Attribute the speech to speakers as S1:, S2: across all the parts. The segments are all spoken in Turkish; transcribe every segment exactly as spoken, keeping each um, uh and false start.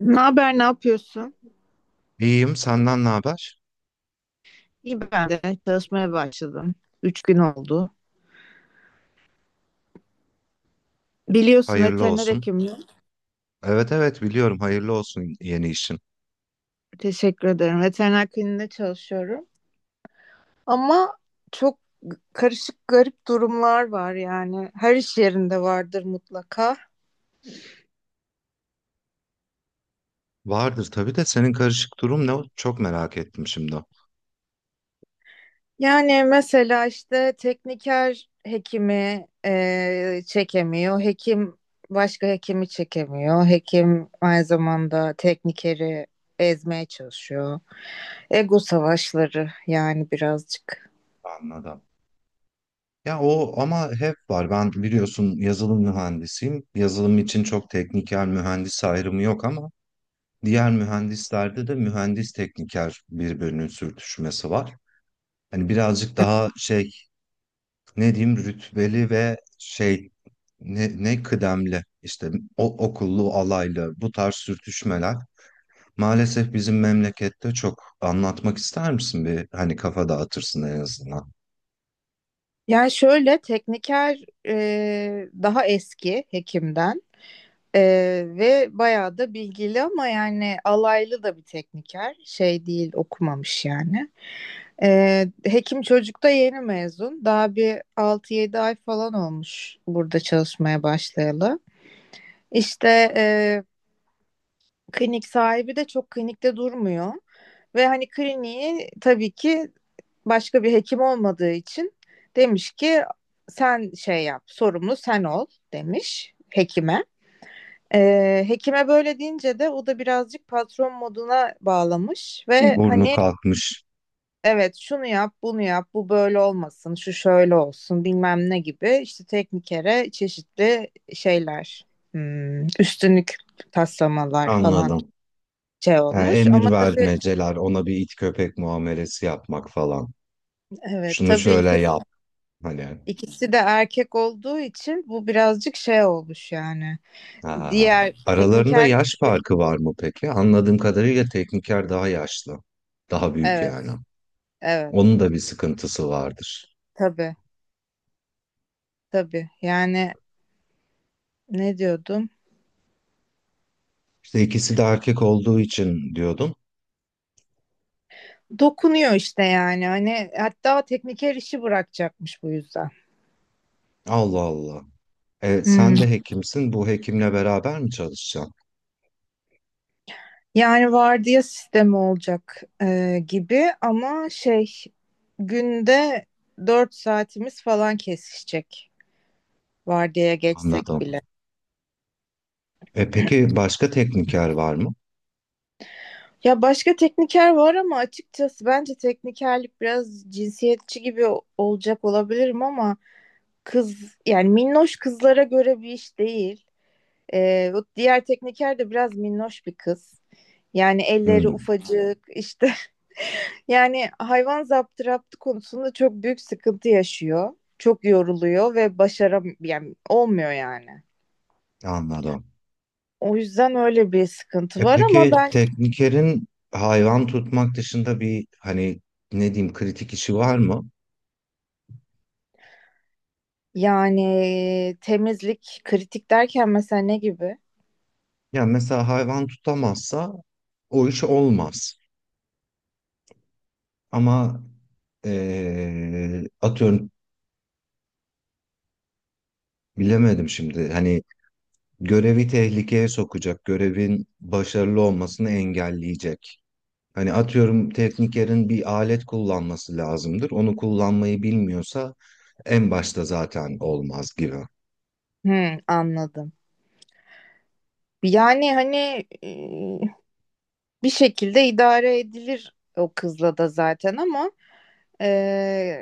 S1: Ne haber, ne yapıyorsun?
S2: İyiyim, senden ne haber?
S1: İyi, ben de çalışmaya başladım. Üç gün oldu. Biliyorsun,
S2: Hayırlı
S1: veteriner
S2: olsun.
S1: hekimim.
S2: Evet evet biliyorum, hayırlı olsun yeni işin.
S1: Teşekkür ederim. Veteriner kliniğinde çalışıyorum. Ama çok g- karışık, garip durumlar var yani. Her iş yerinde vardır mutlaka.
S2: Vardır tabii de senin karışık durum ne? Çok merak ettim şimdi.
S1: Yani mesela işte tekniker hekimi e, çekemiyor. Hekim başka hekimi çekemiyor. Hekim aynı zamanda teknikeri ezmeye çalışıyor. Ego savaşları yani, birazcık.
S2: Anladım. Ya o ama hep var. Ben biliyorsun yazılım mühendisiyim. Yazılım için çok tekniker mühendis ayrımı yok ama diğer mühendislerde de mühendis tekniker birbirinin sürtüşmesi var. Hani birazcık daha şey, ne diyeyim, rütbeli ve şey, ne, ne kıdemli işte o, okullu alaylı bu tarz sürtüşmeler maalesef bizim memlekette çok. Anlatmak ister misin bir, hani kafa dağıtırsın en azından.
S1: Yani şöyle, tekniker e, daha eski hekimden, e, ve bayağı da bilgili ama yani alaylı da bir tekniker. Şey değil, okumamış yani. E, hekim çocuk da yeni mezun. Daha bir altı yedi ay falan olmuş burada çalışmaya başlayalı. İşte e, klinik sahibi de çok klinikte durmuyor. Ve hani kliniği, tabii ki başka bir hekim olmadığı için, demiş ki sen şey yap, sorumlu sen ol demiş hekime. Ee, hekime böyle deyince de o da birazcık patron moduna bağlamış
S2: Bir
S1: ve
S2: burnu
S1: hani
S2: kalkmış,
S1: evet şunu yap, bunu yap, bu böyle olmasın, şu şöyle olsun, bilmem ne gibi, işte teknikere çeşitli şeyler, hmm, üstünlük taslamalar falan
S2: anladım.
S1: şey
S2: Yani
S1: olmuş ama
S2: emir
S1: tabii
S2: vermeceler, ona bir it köpek muamelesi yapmak falan.
S1: evet,
S2: Şunu
S1: tabii,
S2: şöyle yap, hani.
S1: ikisi de erkek olduğu için bu birazcık şey olmuş yani.
S2: Ha.
S1: Diğer
S2: Aralarında
S1: tekniker,
S2: yaş farkı var mı peki? Anladığım kadarıyla tekniker daha yaşlı. Daha büyük yani.
S1: evet evet,
S2: Onun da bir sıkıntısı vardır.
S1: tabii tabii yani. Ne diyordum?
S2: İşte ikisi de erkek olduğu için diyordum.
S1: Dokunuyor işte yani, hani hatta tekniker işi bırakacakmış bu yüzden.
S2: Allah Allah. E,
S1: Hmm.
S2: sen de hekimsin. Bu hekimle beraber mi çalışacaksın?
S1: Yani vardiya sistemi olacak e, gibi ama şey, günde dört saatimiz falan kesişecek vardiyaya geçsek
S2: Anladım.
S1: bile.
S2: E, peki başka tekniker var mı?
S1: Ya başka tekniker var ama açıkçası bence teknikerlik biraz cinsiyetçi gibi o- olacak, olabilirim ama kız yani minnoş kızlara göre bir iş değil. Ee, o diğer tekniker de biraz minnoş bir kız. Yani elleri
S2: Hmm,
S1: ufacık işte, yani hayvan zaptı raptı konusunda çok büyük sıkıntı yaşıyor. Çok yoruluyor ve başaram yani, olmuyor yani.
S2: anladım.
S1: O yüzden öyle bir sıkıntı
S2: E,
S1: var ama
S2: peki
S1: ben.
S2: teknikerin hayvan tutmak dışında bir, hani, ne diyeyim, kritik işi var mı?
S1: Yani temizlik, kritik derken mesela ne gibi?
S2: Ya mesela hayvan tutamazsa o iş olmaz. Ama e, atıyorum, bilemedim şimdi. Hani görevi tehlikeye sokacak, görevin başarılı olmasını engelleyecek. Hani atıyorum teknikerin bir alet kullanması lazımdır. Onu kullanmayı bilmiyorsa en başta zaten olmaz gibi.
S1: Hmm, anladım. Yani hani e, bir şekilde idare edilir o kızla da zaten ama e,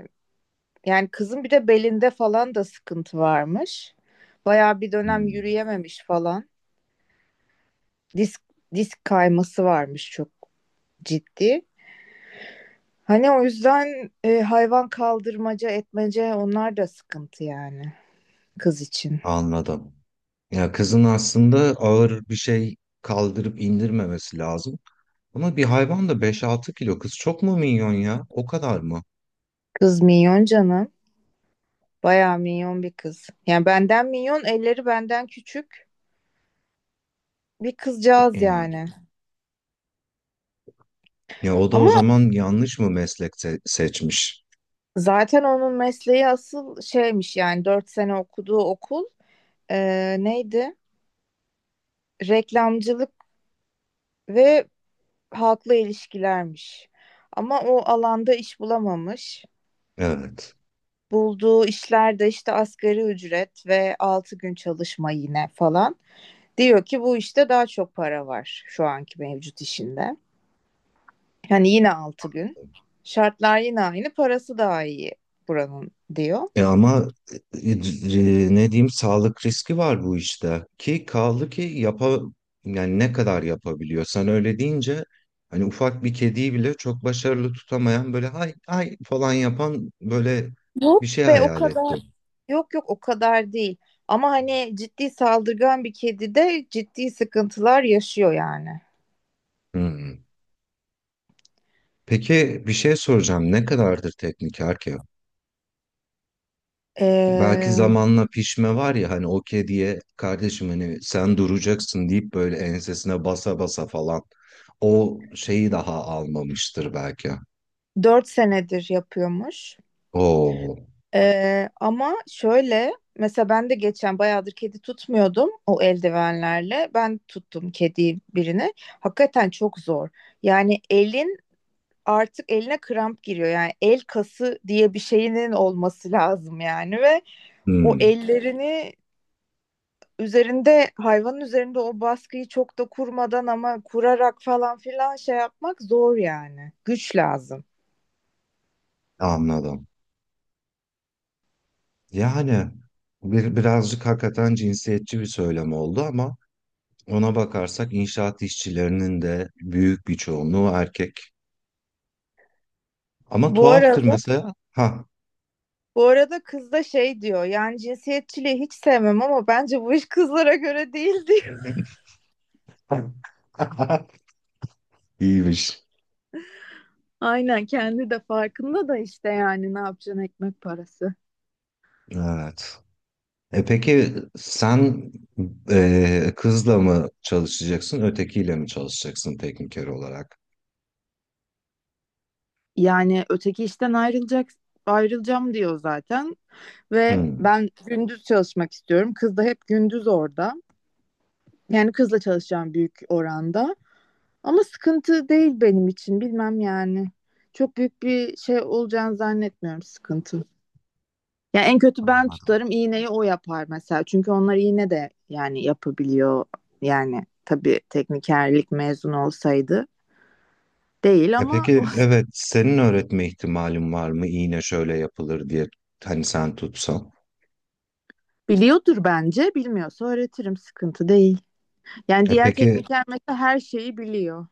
S1: yani kızın bir de belinde falan da sıkıntı varmış. Bayağı bir dönem
S2: Hmm,
S1: yürüyememiş falan. Disk disk kayması varmış, çok ciddi. Hani o yüzden e, hayvan kaldırmaca etmece, onlar da sıkıntı yani kız için.
S2: anladım. Ya kızın aslında ağır bir şey kaldırıp indirmemesi lazım. Ama bir hayvan da beş altı kilo, kız çok mu minyon ya? O kadar mı?
S1: Kız minyon canım. Bayağı minyon bir kız. Yani benden minyon, elleri benden küçük bir kızcağız
S2: Ya,
S1: yani.
S2: ya o da o
S1: Ama
S2: zaman yanlış mı meslek se- seçmiş?
S1: zaten onun mesleği asıl şeymiş yani, dört sene okuduğu okul eee, neydi? Reklamcılık ve halkla ilişkilermiş. Ama o alanda iş bulamamış.
S2: Evet.
S1: Bulduğu işlerde işte asgari ücret ve altı gün çalışma yine falan. Diyor ki bu işte daha çok para var şu anki mevcut işinde. Yani yine altı gün. Şartlar yine aynı, parası daha iyi buranın diyor.
S2: E ama e, e, ne diyeyim, sağlık riski var bu işte, ki kaldı ki yapa yani ne kadar yapabiliyor sen öyle deyince, hani ufak bir kediyi bile çok başarılı tutamayan, böyle ay ay falan yapan, böyle
S1: Yok
S2: bir şey
S1: be, o
S2: hayal
S1: kadar,
S2: ettim.
S1: yok yok, o kadar değil. Ama hani ciddi saldırgan bir kedi de ciddi sıkıntılar yaşıyor yani.
S2: Hmm. Peki bir şey soracağım, ne kadardır tekniker ki? Belki
S1: Ee,
S2: zamanla pişme var ya, hani o kediye kardeşim hani sen duracaksın deyip böyle ensesine basa basa falan o şeyi daha almamıştır belki.
S1: dört senedir yapıyormuş.
S2: Oo,
S1: Ee, ama şöyle mesela ben de geçen bayağıdır kedi tutmuyordum o eldivenlerle. Ben tuttum kedi birini. Hakikaten çok zor. Yani elin, artık eline kramp giriyor. Yani el kası diye bir şeyinin olması lazım yani, ve o
S2: hmm,
S1: ellerini, üzerinde hayvanın üzerinde o baskıyı çok da kurmadan ama kurarak falan filan şey yapmak zor yani. Güç lazım.
S2: anladım. Yani bir, birazcık hakikaten cinsiyetçi bir söylem oldu ama ona bakarsak inşaat işçilerinin de büyük bir çoğunluğu erkek. Ama
S1: Bu
S2: tuhaftır
S1: arada
S2: mesela. Ha.
S1: bu arada kız da şey diyor, yani cinsiyetçiliği hiç sevmem ama bence bu iş kızlara göre değil, diyor.
S2: İyiymiş.
S1: Aynen, kendi de farkında da işte yani, ne yapacaksın, ekmek parası.
S2: Evet. E peki sen, e, kızla mı çalışacaksın, ötekiyle mi çalışacaksın tekniker olarak?
S1: Yani öteki işten ayrılacak ayrılacağım diyor zaten. Ve
S2: Hmm.
S1: ben gündüz çalışmak istiyorum. Kız da hep gündüz orada. Yani kızla çalışacağım büyük oranda. Ama sıkıntı değil benim için, bilmem yani. Çok büyük bir şey olacağını zannetmiyorum, sıkıntı. Yani en kötü ben tutarım iğneyi, o yapar mesela. Çünkü onlar iğne de yani yapabiliyor. Yani tabii teknikerlik mezun olsaydı değil
S2: E
S1: ama
S2: peki evet, senin öğretme ihtimalin var mı, iğne şöyle yapılır diye, hani sen tutsan.
S1: biliyordur bence. Bilmiyorsa öğretirim, sıkıntı değil. Yani
S2: E
S1: diğer
S2: peki,
S1: tekniker mesela her şeyi biliyor.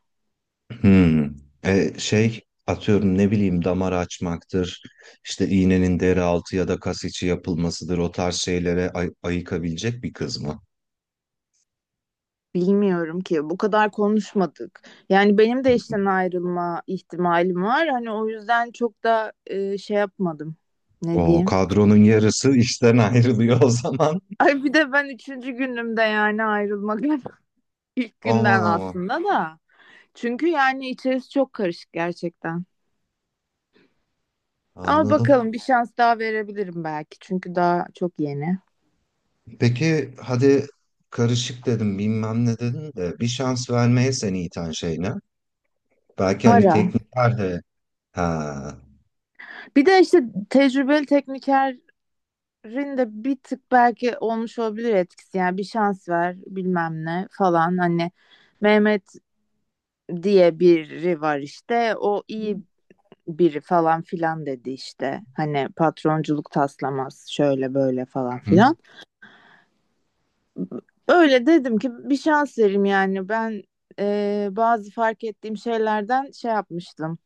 S2: hmm, e şey, atıyorum, ne bileyim, damar açmaktır işte, iğnenin deri altı ya da kas içi yapılmasıdır, o tarz şeylere ay- ayıkabilecek bir kız mı?
S1: Bilmiyorum ki, bu kadar konuşmadık. Yani benim de işten ayrılma ihtimalim var. Hani o yüzden çok da e, şey yapmadım. Ne
S2: O
S1: diyeyim?
S2: kadronun yarısı işten ayrılıyor o zaman.
S1: Ay bir de ben üçüncü günümde, yani ayrılmak ilk günden
S2: Aman aman,
S1: aslında da. Çünkü yani içerisi çok karışık gerçekten. Ama
S2: anladım.
S1: bakalım, bir şans daha verebilirim belki. Çünkü daha çok yeni.
S2: Peki hadi, karışık dedim bilmem ne dedin de, bir şans vermeye seni iten şey ne? Belki hani
S1: Para.
S2: teknikler de. Ha.
S1: Bir de işte tecrübeli tekniker Rinde bir tık belki olmuş olabilir etkisi yani, bir şans ver bilmem ne falan, hani Mehmet diye biri var işte, o iyi biri falan filan dedi işte, hani patronculuk taslamaz şöyle böyle falan
S2: Hı.
S1: filan, öyle dedim ki bir şans verim yani, ben e, bazı fark ettiğim şeylerden şey yapmıştım.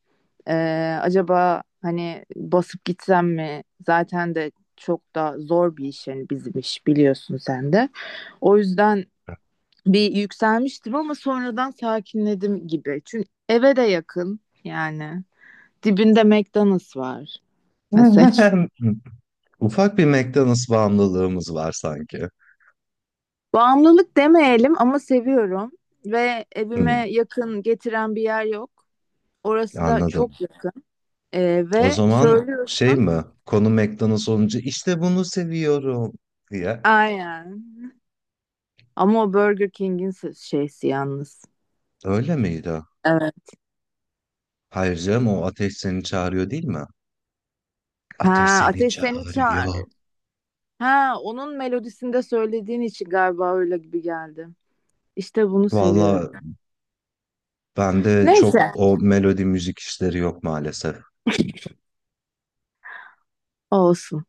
S1: E, acaba hani basıp gitsem mi, zaten de çok da zor bir iş yani bizim iş, biliyorsun sen de. O yüzden bir yükselmiştim ama sonradan sakinledim gibi. Çünkü eve de yakın yani. Dibinde McDonald's var mesela.
S2: Ufak bir McDonald's bağımlılığımız var sanki.
S1: Bağımlılık demeyelim ama seviyorum ve
S2: Hı,
S1: evime yakın getiren bir yer yok. Orası da
S2: anladım.
S1: çok yakın. Ee,
S2: O
S1: ve
S2: zaman şey
S1: söylüyorsun.
S2: mi? Konu McDonald's olunca işte bunu seviyorum diye.
S1: Aynen. Ama o Burger King'in se- şeysi yalnız.
S2: Öyle miydi?
S1: Evet.
S2: Hayır canım, o ateş seni çağırıyor değil mi? Ateş
S1: Ha,
S2: seni
S1: Ateş Seni
S2: çağırıyor.
S1: Çağırır. Ha, onun melodisinde söylediğin için galiba öyle gibi geldi. İşte bunu seviyorum.
S2: Valla bende çok
S1: Neyse,
S2: o melodi müzik işleri yok maalesef.
S1: olsun.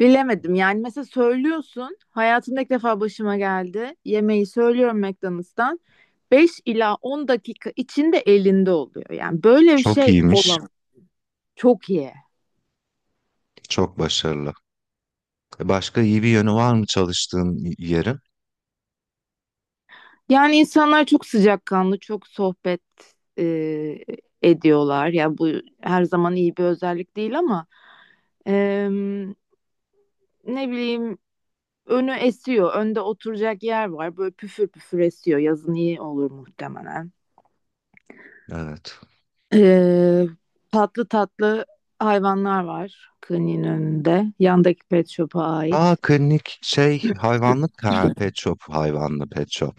S1: Bilemedim yani, mesela söylüyorsun hayatımda ilk defa başıma geldi, yemeği söylüyorum McDonald's'tan beş ila on dakika içinde elinde oluyor, yani böyle bir
S2: Çok
S1: şey
S2: iyiymiş.
S1: olamaz. Çok iyi.
S2: Çok başarılı. Başka iyi bir yönü var mı çalıştığın y- yerin?
S1: Yani insanlar çok sıcakkanlı, çok sohbet e, ediyorlar ya, bu her zaman iyi bir özellik değil ama e, ne bileyim, önü esiyor, önde oturacak yer var, böyle püfür püfür esiyor, yazın iyi olur muhtemelen.
S2: Evet.
S1: Ee, tatlı tatlı hayvanlar var kliniğin önünde. Yandaki pet shop'a
S2: Ha
S1: ait.
S2: klinik şey, hayvanlık ha, pet shop hayvanlı, pet shop,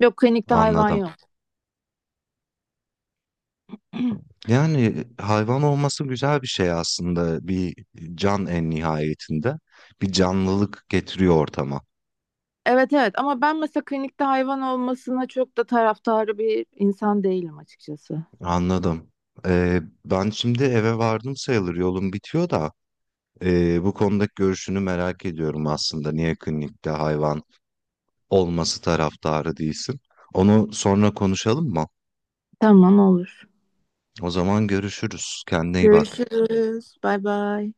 S1: Yok, klinikte hayvan
S2: anladım.
S1: yok.
S2: Yani hayvan olması güzel bir şey aslında, bir can en nihayetinde, bir canlılık getiriyor ortama,
S1: Evet evet, ama ben mesela klinikte hayvan olmasına çok da taraftarı bir insan değilim açıkçası.
S2: anladım. Ee, ben şimdi eve vardım sayılır, yolum bitiyor da ee, bu konudaki görüşünü merak ediyorum aslında, niye klinikte hayvan olması taraftarı değilsin. Onu sonra konuşalım mı?
S1: Tamam, olur.
S2: O zaman görüşürüz. Kendine iyi bak.
S1: Görüşürüz. Bay bay.